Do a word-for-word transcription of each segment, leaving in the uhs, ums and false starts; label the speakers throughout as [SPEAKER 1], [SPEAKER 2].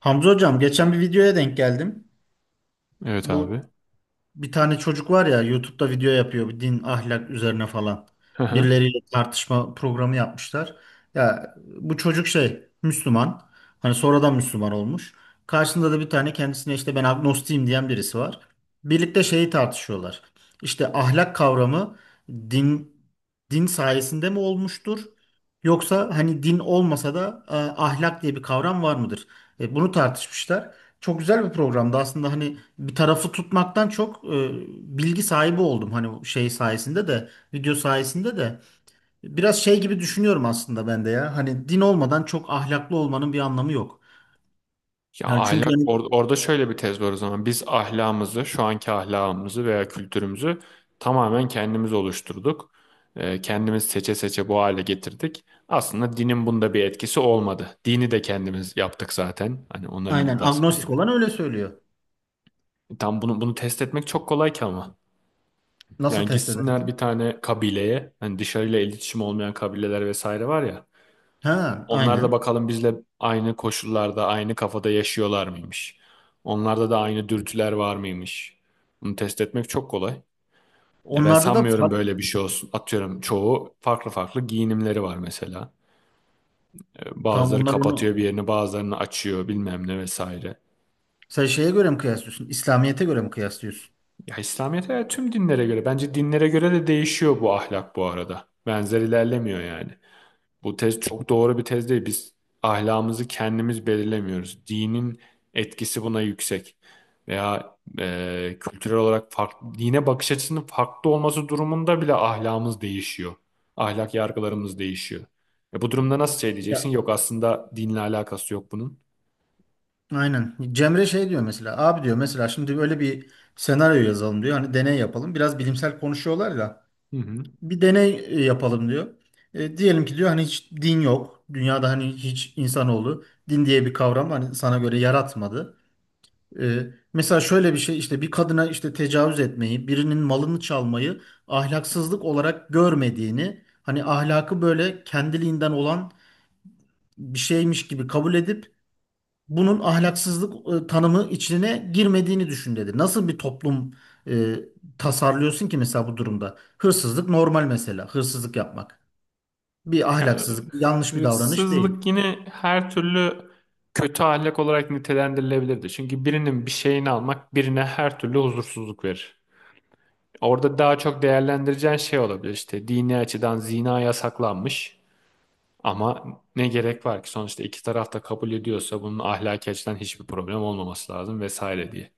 [SPEAKER 1] Hamza hocam geçen bir videoya denk geldim.
[SPEAKER 2] Evet
[SPEAKER 1] Bu
[SPEAKER 2] abi.
[SPEAKER 1] bir tane çocuk var ya YouTube'da video yapıyor bir din ahlak üzerine falan.
[SPEAKER 2] Hı hı.
[SPEAKER 1] Birileriyle tartışma programı yapmışlar. Ya bu çocuk şey Müslüman. Hani sonradan Müslüman olmuş. Karşısında da bir tane kendisine işte ben agnostiyim diyen birisi var. Birlikte şeyi tartışıyorlar. İşte ahlak kavramı din din sayesinde mi olmuştur? Yoksa hani din olmasa da e, ahlak diye bir kavram var mıdır? E, bunu tartışmışlar. Çok güzel bir programdı aslında hani bir tarafı tutmaktan çok e, bilgi sahibi oldum hani şey sayesinde de video sayesinde de biraz şey gibi düşünüyorum aslında ben de ya hani din olmadan çok ahlaklı olmanın bir anlamı yok.
[SPEAKER 2] Ya
[SPEAKER 1] Yani çünkü
[SPEAKER 2] ahlak
[SPEAKER 1] hani
[SPEAKER 2] or- orada şöyle bir tez var o zaman. Biz ahlakımızı, şu anki ahlakımızı veya kültürümüzü tamamen kendimiz oluşturduk. Ee, kendimiz seçe seçe bu hale getirdik. Aslında dinin bunda bir etkisi olmadı. Dini de kendimiz yaptık zaten. Hani onların
[SPEAKER 1] aynen
[SPEAKER 2] iddiasına
[SPEAKER 1] agnostik
[SPEAKER 2] göre.
[SPEAKER 1] olan öyle söylüyor.
[SPEAKER 2] E, Tam bunu bunu test etmek çok kolay ki ama.
[SPEAKER 1] Nasıl
[SPEAKER 2] Yani
[SPEAKER 1] test
[SPEAKER 2] gitsinler
[SPEAKER 1] edersin?
[SPEAKER 2] bir tane kabileye, hani dışarıyla iletişim olmayan kabileler vesaire var ya.
[SPEAKER 1] Ha,
[SPEAKER 2] Onlar da
[SPEAKER 1] aynen.
[SPEAKER 2] bakalım bizle aynı koşullarda, aynı kafada yaşıyorlar mıymış? Onlarda da aynı dürtüler var mıymış? Bunu test etmek çok kolay. Ya ben
[SPEAKER 1] Onlarda da
[SPEAKER 2] sanmıyorum
[SPEAKER 1] fa-
[SPEAKER 2] böyle bir şey olsun. Atıyorum çoğu farklı farklı giyinimleri var mesela. Ee,
[SPEAKER 1] tamam
[SPEAKER 2] Bazıları
[SPEAKER 1] onlar
[SPEAKER 2] kapatıyor
[SPEAKER 1] onu
[SPEAKER 2] bir yerini, bazılarını açıyor bilmem ne vesaire.
[SPEAKER 1] sen şeye göre mi kıyaslıyorsun? İslamiyet'e göre mi kıyaslıyorsun?
[SPEAKER 2] Ya İslamiyet'e tüm dinlere göre, bence dinlere göre de değişiyor bu ahlak bu arada. Benzer ilerlemiyor yani. Bu tez çok doğru bir tez değil. Biz ahlakımızı kendimiz belirlemiyoruz. Dinin etkisi buna yüksek. Veya e, kültürel olarak farklı, dine bakış açısının farklı olması durumunda bile ahlakımız değişiyor. Ahlak yargılarımız değişiyor. E, bu durumda nasıl şey diyeceksin?
[SPEAKER 1] Ya,
[SPEAKER 2] Yok aslında dinle alakası yok bunun.
[SPEAKER 1] aynen. Cemre şey diyor mesela abi diyor mesela şimdi böyle bir senaryo yazalım diyor. Hani deney yapalım. Biraz bilimsel konuşuyorlar ya.
[SPEAKER 2] Hı hı.
[SPEAKER 1] Bir deney e, yapalım diyor. E, diyelim ki diyor hani hiç din yok. Dünyada hani hiç insanoğlu din diye bir kavram hani sana göre yaratmadı. E, Mesela şöyle bir şey işte bir kadına işte tecavüz etmeyi, birinin malını çalmayı ahlaksızlık olarak görmediğini, hani ahlakı böyle kendiliğinden olan bir şeymiş gibi kabul edip bunun ahlaksızlık e, tanımı içine girmediğini düşün dedi. Nasıl bir toplum e, tasarlıyorsun ki mesela bu durumda? Hırsızlık normal mesela, hırsızlık yapmak bir
[SPEAKER 2] Ya,
[SPEAKER 1] ahlaksızlık, bir yanlış bir davranış değil.
[SPEAKER 2] hırsızlık yine her türlü kötü ahlak olarak nitelendirilebilirdi. Çünkü birinin bir şeyini almak birine her türlü huzursuzluk verir. Orada daha çok değerlendireceğin şey olabilir işte dini açıdan zina yasaklanmış ama ne gerek var ki sonuçta iki taraf da kabul ediyorsa bunun ahlaki açıdan hiçbir problem olmaması lazım vesaire diye.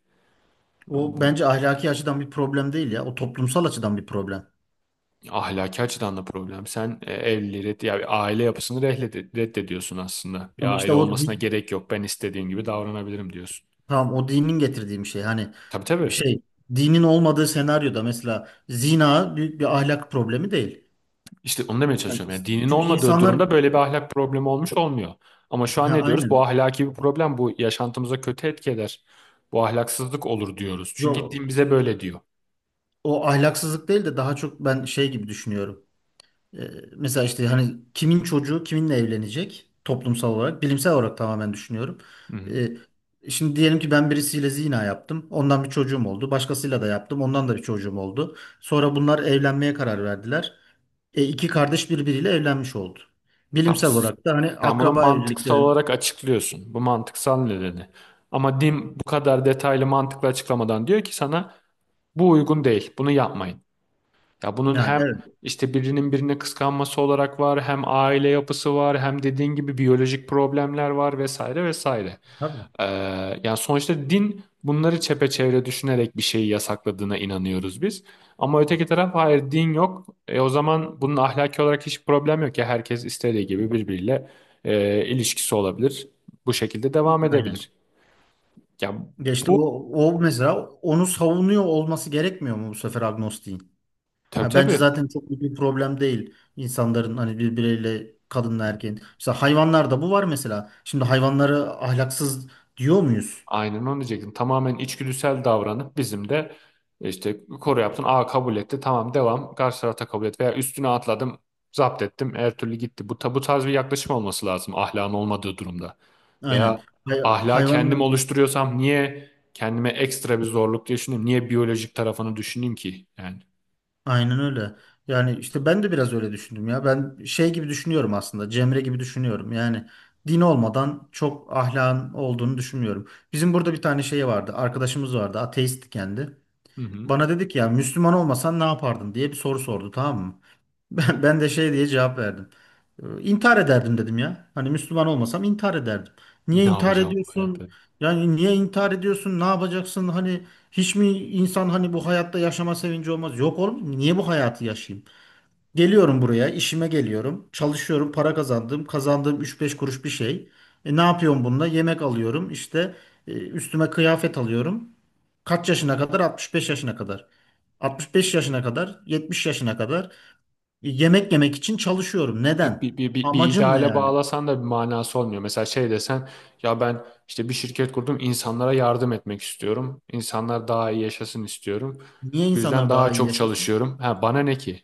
[SPEAKER 1] O
[SPEAKER 2] Bu
[SPEAKER 1] bence ahlaki açıdan bir problem değil ya. O toplumsal açıdan bir problem.
[SPEAKER 2] ahlaki açıdan da problem. Sen e, evliliği red- ya bir aile yapısını rehled- reddediyorsun aslında. Bir
[SPEAKER 1] Ama işte
[SPEAKER 2] aile
[SPEAKER 1] o
[SPEAKER 2] olmasına
[SPEAKER 1] di-
[SPEAKER 2] gerek yok. Ben istediğim gibi davranabilirim diyorsun.
[SPEAKER 1] tamam o dinin getirdiği bir şey. Hani
[SPEAKER 2] Tabii tabii.
[SPEAKER 1] şey dinin olmadığı senaryoda mesela zina büyük bir ahlak problemi değil.
[SPEAKER 2] İşte onu demeye
[SPEAKER 1] Hani
[SPEAKER 2] çalışıyorum. Yani dinin
[SPEAKER 1] çünkü
[SPEAKER 2] olmadığı
[SPEAKER 1] insanlar
[SPEAKER 2] durumda böyle bir ahlak problemi olmuş olmuyor. Ama şu an
[SPEAKER 1] ha,
[SPEAKER 2] ne diyoruz? Bu
[SPEAKER 1] aynen.
[SPEAKER 2] ahlaki bir problem. Bu yaşantımıza kötü etki eder. Bu ahlaksızlık olur diyoruz. Çünkü din
[SPEAKER 1] Yo,
[SPEAKER 2] bize böyle diyor.
[SPEAKER 1] o ahlaksızlık değil de daha çok ben şey gibi düşünüyorum. E, Mesela işte hani kimin çocuğu kiminle evlenecek toplumsal olarak, bilimsel olarak tamamen düşünüyorum.
[SPEAKER 2] Hı hı.
[SPEAKER 1] E, Şimdi diyelim ki ben birisiyle zina yaptım. Ondan bir çocuğum oldu. Başkasıyla da yaptım. Ondan da bir çocuğum oldu. Sonra bunlar evlenmeye karar verdiler. E, iki kardeş birbiriyle evlenmiş oldu.
[SPEAKER 2] Tamam.
[SPEAKER 1] Bilimsel olarak da hani
[SPEAKER 2] Sen bunu
[SPEAKER 1] akraba
[SPEAKER 2] mantıksal
[SPEAKER 1] evliliklerin
[SPEAKER 2] olarak açıklıyorsun. Bu mantıksal nedeni. Ama din bu kadar detaylı mantıklı açıklamadan diyor ki sana bu uygun değil. Bunu yapmayın. Ya bunun
[SPEAKER 1] yani
[SPEAKER 2] hem
[SPEAKER 1] evet.
[SPEAKER 2] işte birinin birine kıskanması olarak var, hem aile yapısı var, hem dediğin gibi biyolojik problemler var vesaire vesaire.
[SPEAKER 1] Tabii.
[SPEAKER 2] Ee, yani sonuçta din bunları çepeçevre düşünerek bir şeyi yasakladığına inanıyoruz biz. Ama öteki taraf hayır din yok. E, o zaman bunun ahlaki olarak hiç problem yok ya herkes istediği gibi birbiriyle e, ilişkisi olabilir. Bu şekilde devam
[SPEAKER 1] Aynen.
[SPEAKER 2] edebilir. Ya
[SPEAKER 1] Geçti
[SPEAKER 2] bu
[SPEAKER 1] o, o mesela onu savunuyor olması gerekmiyor mu bu sefer agnostiğin?
[SPEAKER 2] tabii
[SPEAKER 1] Ha, bence
[SPEAKER 2] tabii
[SPEAKER 1] zaten çok büyük bir problem değil insanların hani birbiriyle kadınla erkeğin. Mesela hayvanlarda bu var mesela. Şimdi hayvanları ahlaksız diyor muyuz?
[SPEAKER 2] aynen onu diyecektim. Tamamen içgüdüsel davranıp bizim de işte koru yaptın. Aa kabul etti tamam devam. Karşı tarafta kabul et veya üstüne atladım zapt ettim her türlü gitti. Bu, ta- bu tarz bir yaklaşım olması lazım ahlakın olmadığı durumda. Veya
[SPEAKER 1] Aynen. Hay
[SPEAKER 2] ahlak kendim
[SPEAKER 1] hayvanlar
[SPEAKER 2] oluşturuyorsam niye kendime ekstra bir zorluk diye düşüneyim? Niye biyolojik tarafını düşüneyim ki? Yani
[SPEAKER 1] aynen öyle. Yani işte ben de biraz öyle düşündüm ya. Ben şey gibi düşünüyorum aslında. Cemre gibi düşünüyorum. Yani din olmadan çok ahlakın olduğunu düşünmüyorum. Bizim burada bir tane şey vardı. Arkadaşımız vardı, ateist kendi.
[SPEAKER 2] hı hı.
[SPEAKER 1] Bana dedi ki ya Müslüman olmasan ne yapardın diye bir soru sordu, tamam mı? Ben, ben de şey diye cevap verdim. Ee, İntihar ederdim dedim ya. Hani Müslüman olmasam intihar ederdim. Niye
[SPEAKER 2] Ne
[SPEAKER 1] intihar
[SPEAKER 2] yapacağım bu hayatta?
[SPEAKER 1] ediyorsun? Yani niye intihar ediyorsun? Ne yapacaksın? Hani hiç mi insan hani bu hayatta yaşama sevinci olmaz? Yok oğlum niye bu hayatı yaşayayım? Geliyorum buraya, işime geliyorum. Çalışıyorum, para kazandım. Kazandığım üç beş kuruş bir şey. E, ne yapıyorum bununla? Yemek alıyorum. İşte e, üstüme kıyafet alıyorum. Kaç yaşına kadar? altmış beş yaşına kadar. altmış beş yaşına kadar, yetmiş yaşına kadar. Yemek yemek için çalışıyorum.
[SPEAKER 2] Ya
[SPEAKER 1] Neden?
[SPEAKER 2] Bir, bir, bir, bir
[SPEAKER 1] Amacım ne
[SPEAKER 2] ideale
[SPEAKER 1] yani?
[SPEAKER 2] bağlasan da bir manası olmuyor. Mesela şey desen ya ben işte bir şirket kurdum insanlara yardım etmek istiyorum. İnsanlar daha iyi yaşasın istiyorum.
[SPEAKER 1] Niye
[SPEAKER 2] Bu yüzden
[SPEAKER 1] insanlar
[SPEAKER 2] daha
[SPEAKER 1] daha iyi
[SPEAKER 2] çok
[SPEAKER 1] yaşasın?
[SPEAKER 2] çalışıyorum. Ha, bana ne ki?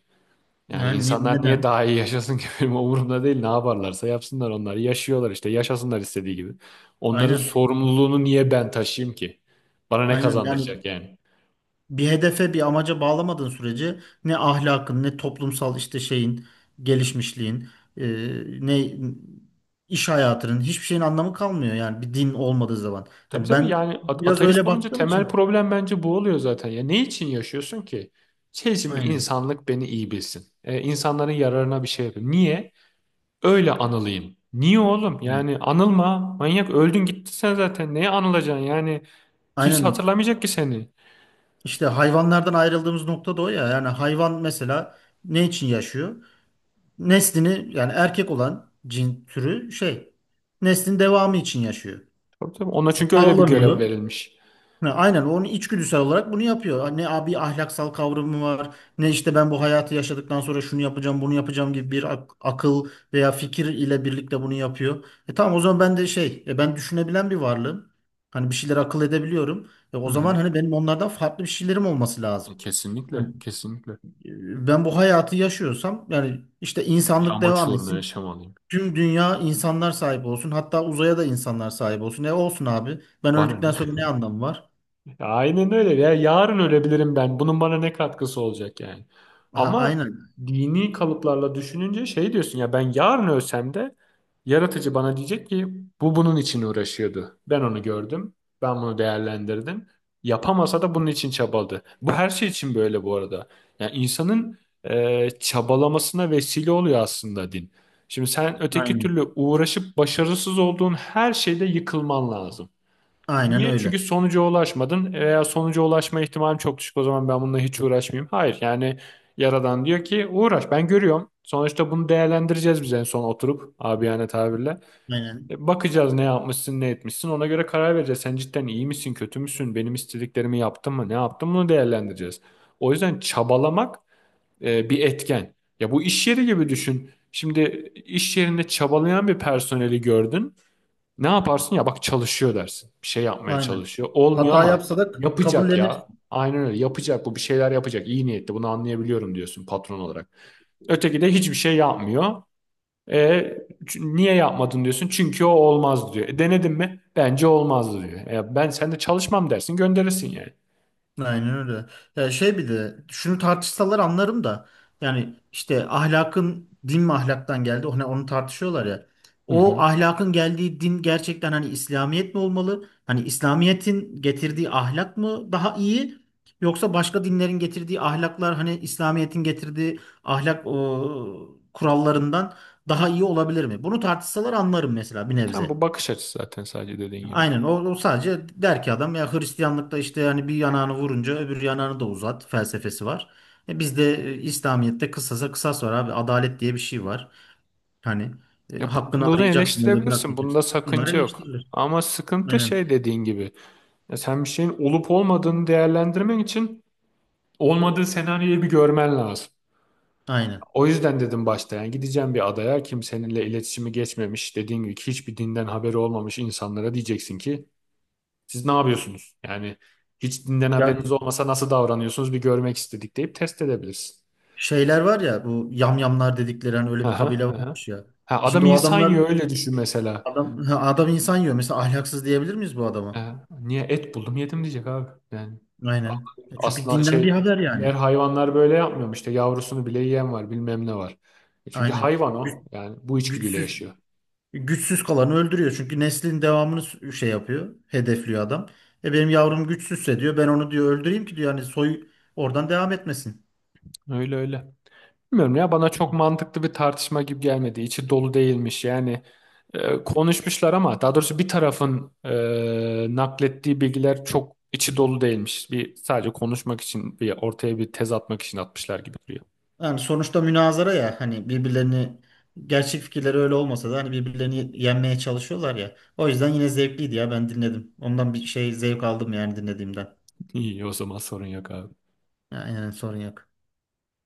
[SPEAKER 2] Yani
[SPEAKER 1] Yani ne-
[SPEAKER 2] insanlar niye
[SPEAKER 1] neden?
[SPEAKER 2] daha iyi yaşasın ki benim umurumda değil. Ne yaparlarsa yapsınlar onlar. Yaşıyorlar işte. Yaşasınlar istediği gibi. Onların
[SPEAKER 1] Aynen.
[SPEAKER 2] sorumluluğunu niye ben taşıyayım ki? Bana ne
[SPEAKER 1] Aynen. Yani
[SPEAKER 2] kazandıracak yani?
[SPEAKER 1] bir hedefe, bir amaca bağlamadığın sürece ne ahlakın, ne toplumsal işte şeyin, gelişmişliğin, e, ne iş hayatının hiçbir şeyin anlamı kalmıyor yani bir din olmadığı zaman.
[SPEAKER 2] Tabii
[SPEAKER 1] Yani
[SPEAKER 2] tabii
[SPEAKER 1] ben
[SPEAKER 2] yani at-
[SPEAKER 1] biraz
[SPEAKER 2] ateist
[SPEAKER 1] öyle
[SPEAKER 2] olunca
[SPEAKER 1] baktığım
[SPEAKER 2] temel
[SPEAKER 1] için.
[SPEAKER 2] problem bence bu oluyor zaten. Ya ne için yaşıyorsun ki? Şey için mi
[SPEAKER 1] Aynen.
[SPEAKER 2] insanlık beni iyi bilsin. E, insanların yararına bir şey yapayım. Niye? Öyle anılayım. Niye oğlum?
[SPEAKER 1] Evet.
[SPEAKER 2] Yani anılma. Manyak öldün gittin sen zaten. Neye anılacaksın? Yani kimse
[SPEAKER 1] Aynen.
[SPEAKER 2] hatırlamayacak ki seni.
[SPEAKER 1] İşte hayvanlardan ayrıldığımız nokta da o ya. Yani hayvan mesela ne için yaşıyor? Neslini yani erkek olan cin türü şey neslin devamı için yaşıyor.
[SPEAKER 2] Tabii tabii. Ona çünkü öyle bir görev
[SPEAKER 1] Avlanıyor.
[SPEAKER 2] verilmiş.
[SPEAKER 1] Ha, aynen onun içgüdüsel olarak bunu yapıyor. Ne abi ahlaksal kavramı var, ne işte ben bu hayatı yaşadıktan sonra şunu yapacağım, bunu yapacağım gibi bir ak- akıl veya fikir ile birlikte bunu yapıyor. E tamam o zaman ben de şey, e, ben düşünebilen bir varlığım. Hani bir şeyler akıl edebiliyorum. E, o
[SPEAKER 2] Hı
[SPEAKER 1] zaman
[SPEAKER 2] hı.
[SPEAKER 1] hani benim onlardan farklı bir şeylerim olması lazım.
[SPEAKER 2] E,
[SPEAKER 1] Hani,
[SPEAKER 2] kesinlikle, kesinlikle.
[SPEAKER 1] e, ben bu hayatı yaşıyorsam yani işte
[SPEAKER 2] Bir
[SPEAKER 1] insanlık
[SPEAKER 2] amaç
[SPEAKER 1] devam
[SPEAKER 2] uğruna
[SPEAKER 1] etsin.
[SPEAKER 2] yaşamalıyım.
[SPEAKER 1] Tüm dünya insanlar sahip olsun. Hatta uzaya da insanlar sahip olsun. E olsun abi. Ben
[SPEAKER 2] Bana
[SPEAKER 1] öldükten
[SPEAKER 2] ne?
[SPEAKER 1] sonra ne anlamı var?
[SPEAKER 2] Aynen öyle. Ya yarın ölebilirim ben. Bunun bana ne katkısı olacak yani?
[SPEAKER 1] Ha,
[SPEAKER 2] Ama
[SPEAKER 1] aynen.
[SPEAKER 2] dini kalıplarla düşününce şey diyorsun ya ben yarın ölsem de yaratıcı bana diyecek ki bu bunun için uğraşıyordu. Ben onu gördüm. Ben bunu değerlendirdim. Yapamasa da bunun için çabaladı. Bu her şey için böyle bu arada. Yani insanın e, çabalamasına vesile oluyor aslında din. Şimdi sen öteki türlü
[SPEAKER 1] Aynen.
[SPEAKER 2] uğraşıp başarısız olduğun her şeyde yıkılman lazım.
[SPEAKER 1] Aynen
[SPEAKER 2] Niye? Çünkü
[SPEAKER 1] öyle.
[SPEAKER 2] sonuca ulaşmadın. Veya sonuca ulaşma ihtimalim çok düşük. O zaman ben bununla hiç uğraşmayayım. Hayır yani Yaradan diyor ki uğraş ben görüyorum. Sonuçta bunu değerlendireceğiz biz en son oturup abiyane tabirle.
[SPEAKER 1] Aynen.
[SPEAKER 2] E, bakacağız ne yapmışsın ne etmişsin ona göre karar vereceğiz. Sen cidden iyi misin kötü müsün benim istediklerimi yaptın mı ne yaptın bunu değerlendireceğiz. O yüzden çabalamak e, bir etken. Ya bu iş yeri gibi düşün. Şimdi iş yerinde çabalayan bir personeli gördün. Ne yaparsın ya bak çalışıyor dersin. Bir şey yapmaya
[SPEAKER 1] Aynen.
[SPEAKER 2] çalışıyor. Olmuyor
[SPEAKER 1] Hata
[SPEAKER 2] ama
[SPEAKER 1] yapsa da
[SPEAKER 2] yapacak
[SPEAKER 1] kabullenir.
[SPEAKER 2] ya. Aynen öyle yapacak bu bir şeyler yapacak. İyi niyetli bunu anlayabiliyorum diyorsun patron olarak. Öteki de hiçbir şey yapmıyor. E, ç- niye yapmadın diyorsun? Çünkü o olmaz diyor. E, denedin mi? Bence olmazdı diyor. E, ben sen de çalışmam dersin gönderirsin yani.
[SPEAKER 1] Aynen öyle. Ya şey bir de şunu tartışsalar anlarım da yani işte ahlakın din mi ahlaktan geldi hani onu tartışıyorlar ya.
[SPEAKER 2] Hı
[SPEAKER 1] O
[SPEAKER 2] hı.
[SPEAKER 1] ahlakın geldiği din gerçekten hani İslamiyet mi olmalı? Hani İslamiyet'in getirdiği ahlak mı daha iyi? Yoksa başka dinlerin getirdiği ahlaklar hani İslamiyet'in getirdiği ahlak o, kurallarından daha iyi olabilir mi? Bunu tartışsalar anlarım mesela bir
[SPEAKER 2] E, tamam
[SPEAKER 1] nebze.
[SPEAKER 2] bu bakış açısı zaten sadece dediğin gibi.
[SPEAKER 1] Aynen o, o sadece der ki adam ya Hristiyanlıkta işte hani bir yanağını vurunca öbür yanağını da uzat felsefesi var. E bizde e, İslamiyet'te kısasa kısas var abi, adalet diye bir şey var. Hani e,
[SPEAKER 2] Ya bu-
[SPEAKER 1] hakkını
[SPEAKER 2] Bunu
[SPEAKER 1] arayacaksın, öyle
[SPEAKER 2] eleştirebilirsin. Bunda
[SPEAKER 1] bırakmayacaksın. Bunlar
[SPEAKER 2] sakınca yok.
[SPEAKER 1] eleştirilir.
[SPEAKER 2] Ama sıkıntı
[SPEAKER 1] Aynen.
[SPEAKER 2] şey dediğin gibi. Ya sen bir şeyin olup olmadığını değerlendirmen için olmadığı senaryoyu bir görmen lazım.
[SPEAKER 1] Aynen.
[SPEAKER 2] O yüzden dedim başta yani gideceğim bir adaya kimseninle iletişimi geçmemiş dediğin gibi hiçbir dinden haberi olmamış insanlara diyeceksin ki siz ne yapıyorsunuz? Yani hiç dinden
[SPEAKER 1] Ya
[SPEAKER 2] haberiniz olmasa nasıl davranıyorsunuz bir görmek istedik deyip test edebilirsin.
[SPEAKER 1] şeyler var ya bu yamyamlar dedikleri hani öyle bir
[SPEAKER 2] Aha,
[SPEAKER 1] kabile
[SPEAKER 2] aha.
[SPEAKER 1] varmış ya.
[SPEAKER 2] Ha, adam
[SPEAKER 1] Şimdi o
[SPEAKER 2] insan
[SPEAKER 1] adamlar
[SPEAKER 2] yiyor öyle düşün mesela.
[SPEAKER 1] adam ha, adam insan yiyor. Mesela ahlaksız diyebilir miyiz bu adama?
[SPEAKER 2] Ha, niye et buldum yedim diyecek abi. Yani
[SPEAKER 1] Aynen. E, Çünkü
[SPEAKER 2] aslan
[SPEAKER 1] dinden bir
[SPEAKER 2] şey
[SPEAKER 1] haber yani.
[SPEAKER 2] diğer hayvanlar böyle yapmıyor mu? İşte yavrusunu bile yiyen var bilmem ne var. E çünkü
[SPEAKER 1] Aynen.
[SPEAKER 2] hayvan
[SPEAKER 1] Güç-
[SPEAKER 2] o yani bu içgüdüyle
[SPEAKER 1] Güçsüz
[SPEAKER 2] yaşıyor.
[SPEAKER 1] Güçsüz kalanı öldürüyor. Çünkü neslin devamını s- şey yapıyor. Hedefliyor adam. E benim yavrum güçsüzse diyor ben onu diyor öldüreyim ki diyor hani soy oradan devam etmesin.
[SPEAKER 2] Öyle öyle. Bilmiyorum ya bana çok mantıklı bir tartışma gibi gelmedi. İçi dolu değilmiş. Yani e, konuşmuşlar ama daha doğrusu bir tarafın e, naklettiği bilgiler çok içi dolu değilmiş. Bir sadece konuşmak için bir ortaya bir tez atmak için atmışlar gibi duruyor.
[SPEAKER 1] Yani sonuçta münazara ya hani birbirlerini gerçek fikirleri öyle olmasa da hani birbirlerini yenmeye çalışıyorlar ya. O yüzden yine zevkliydi ya ben dinledim. Ondan bir şey zevk aldım yani dinlediğimden.
[SPEAKER 2] İyi o zaman sorun yok abi.
[SPEAKER 1] Yani sorun yok.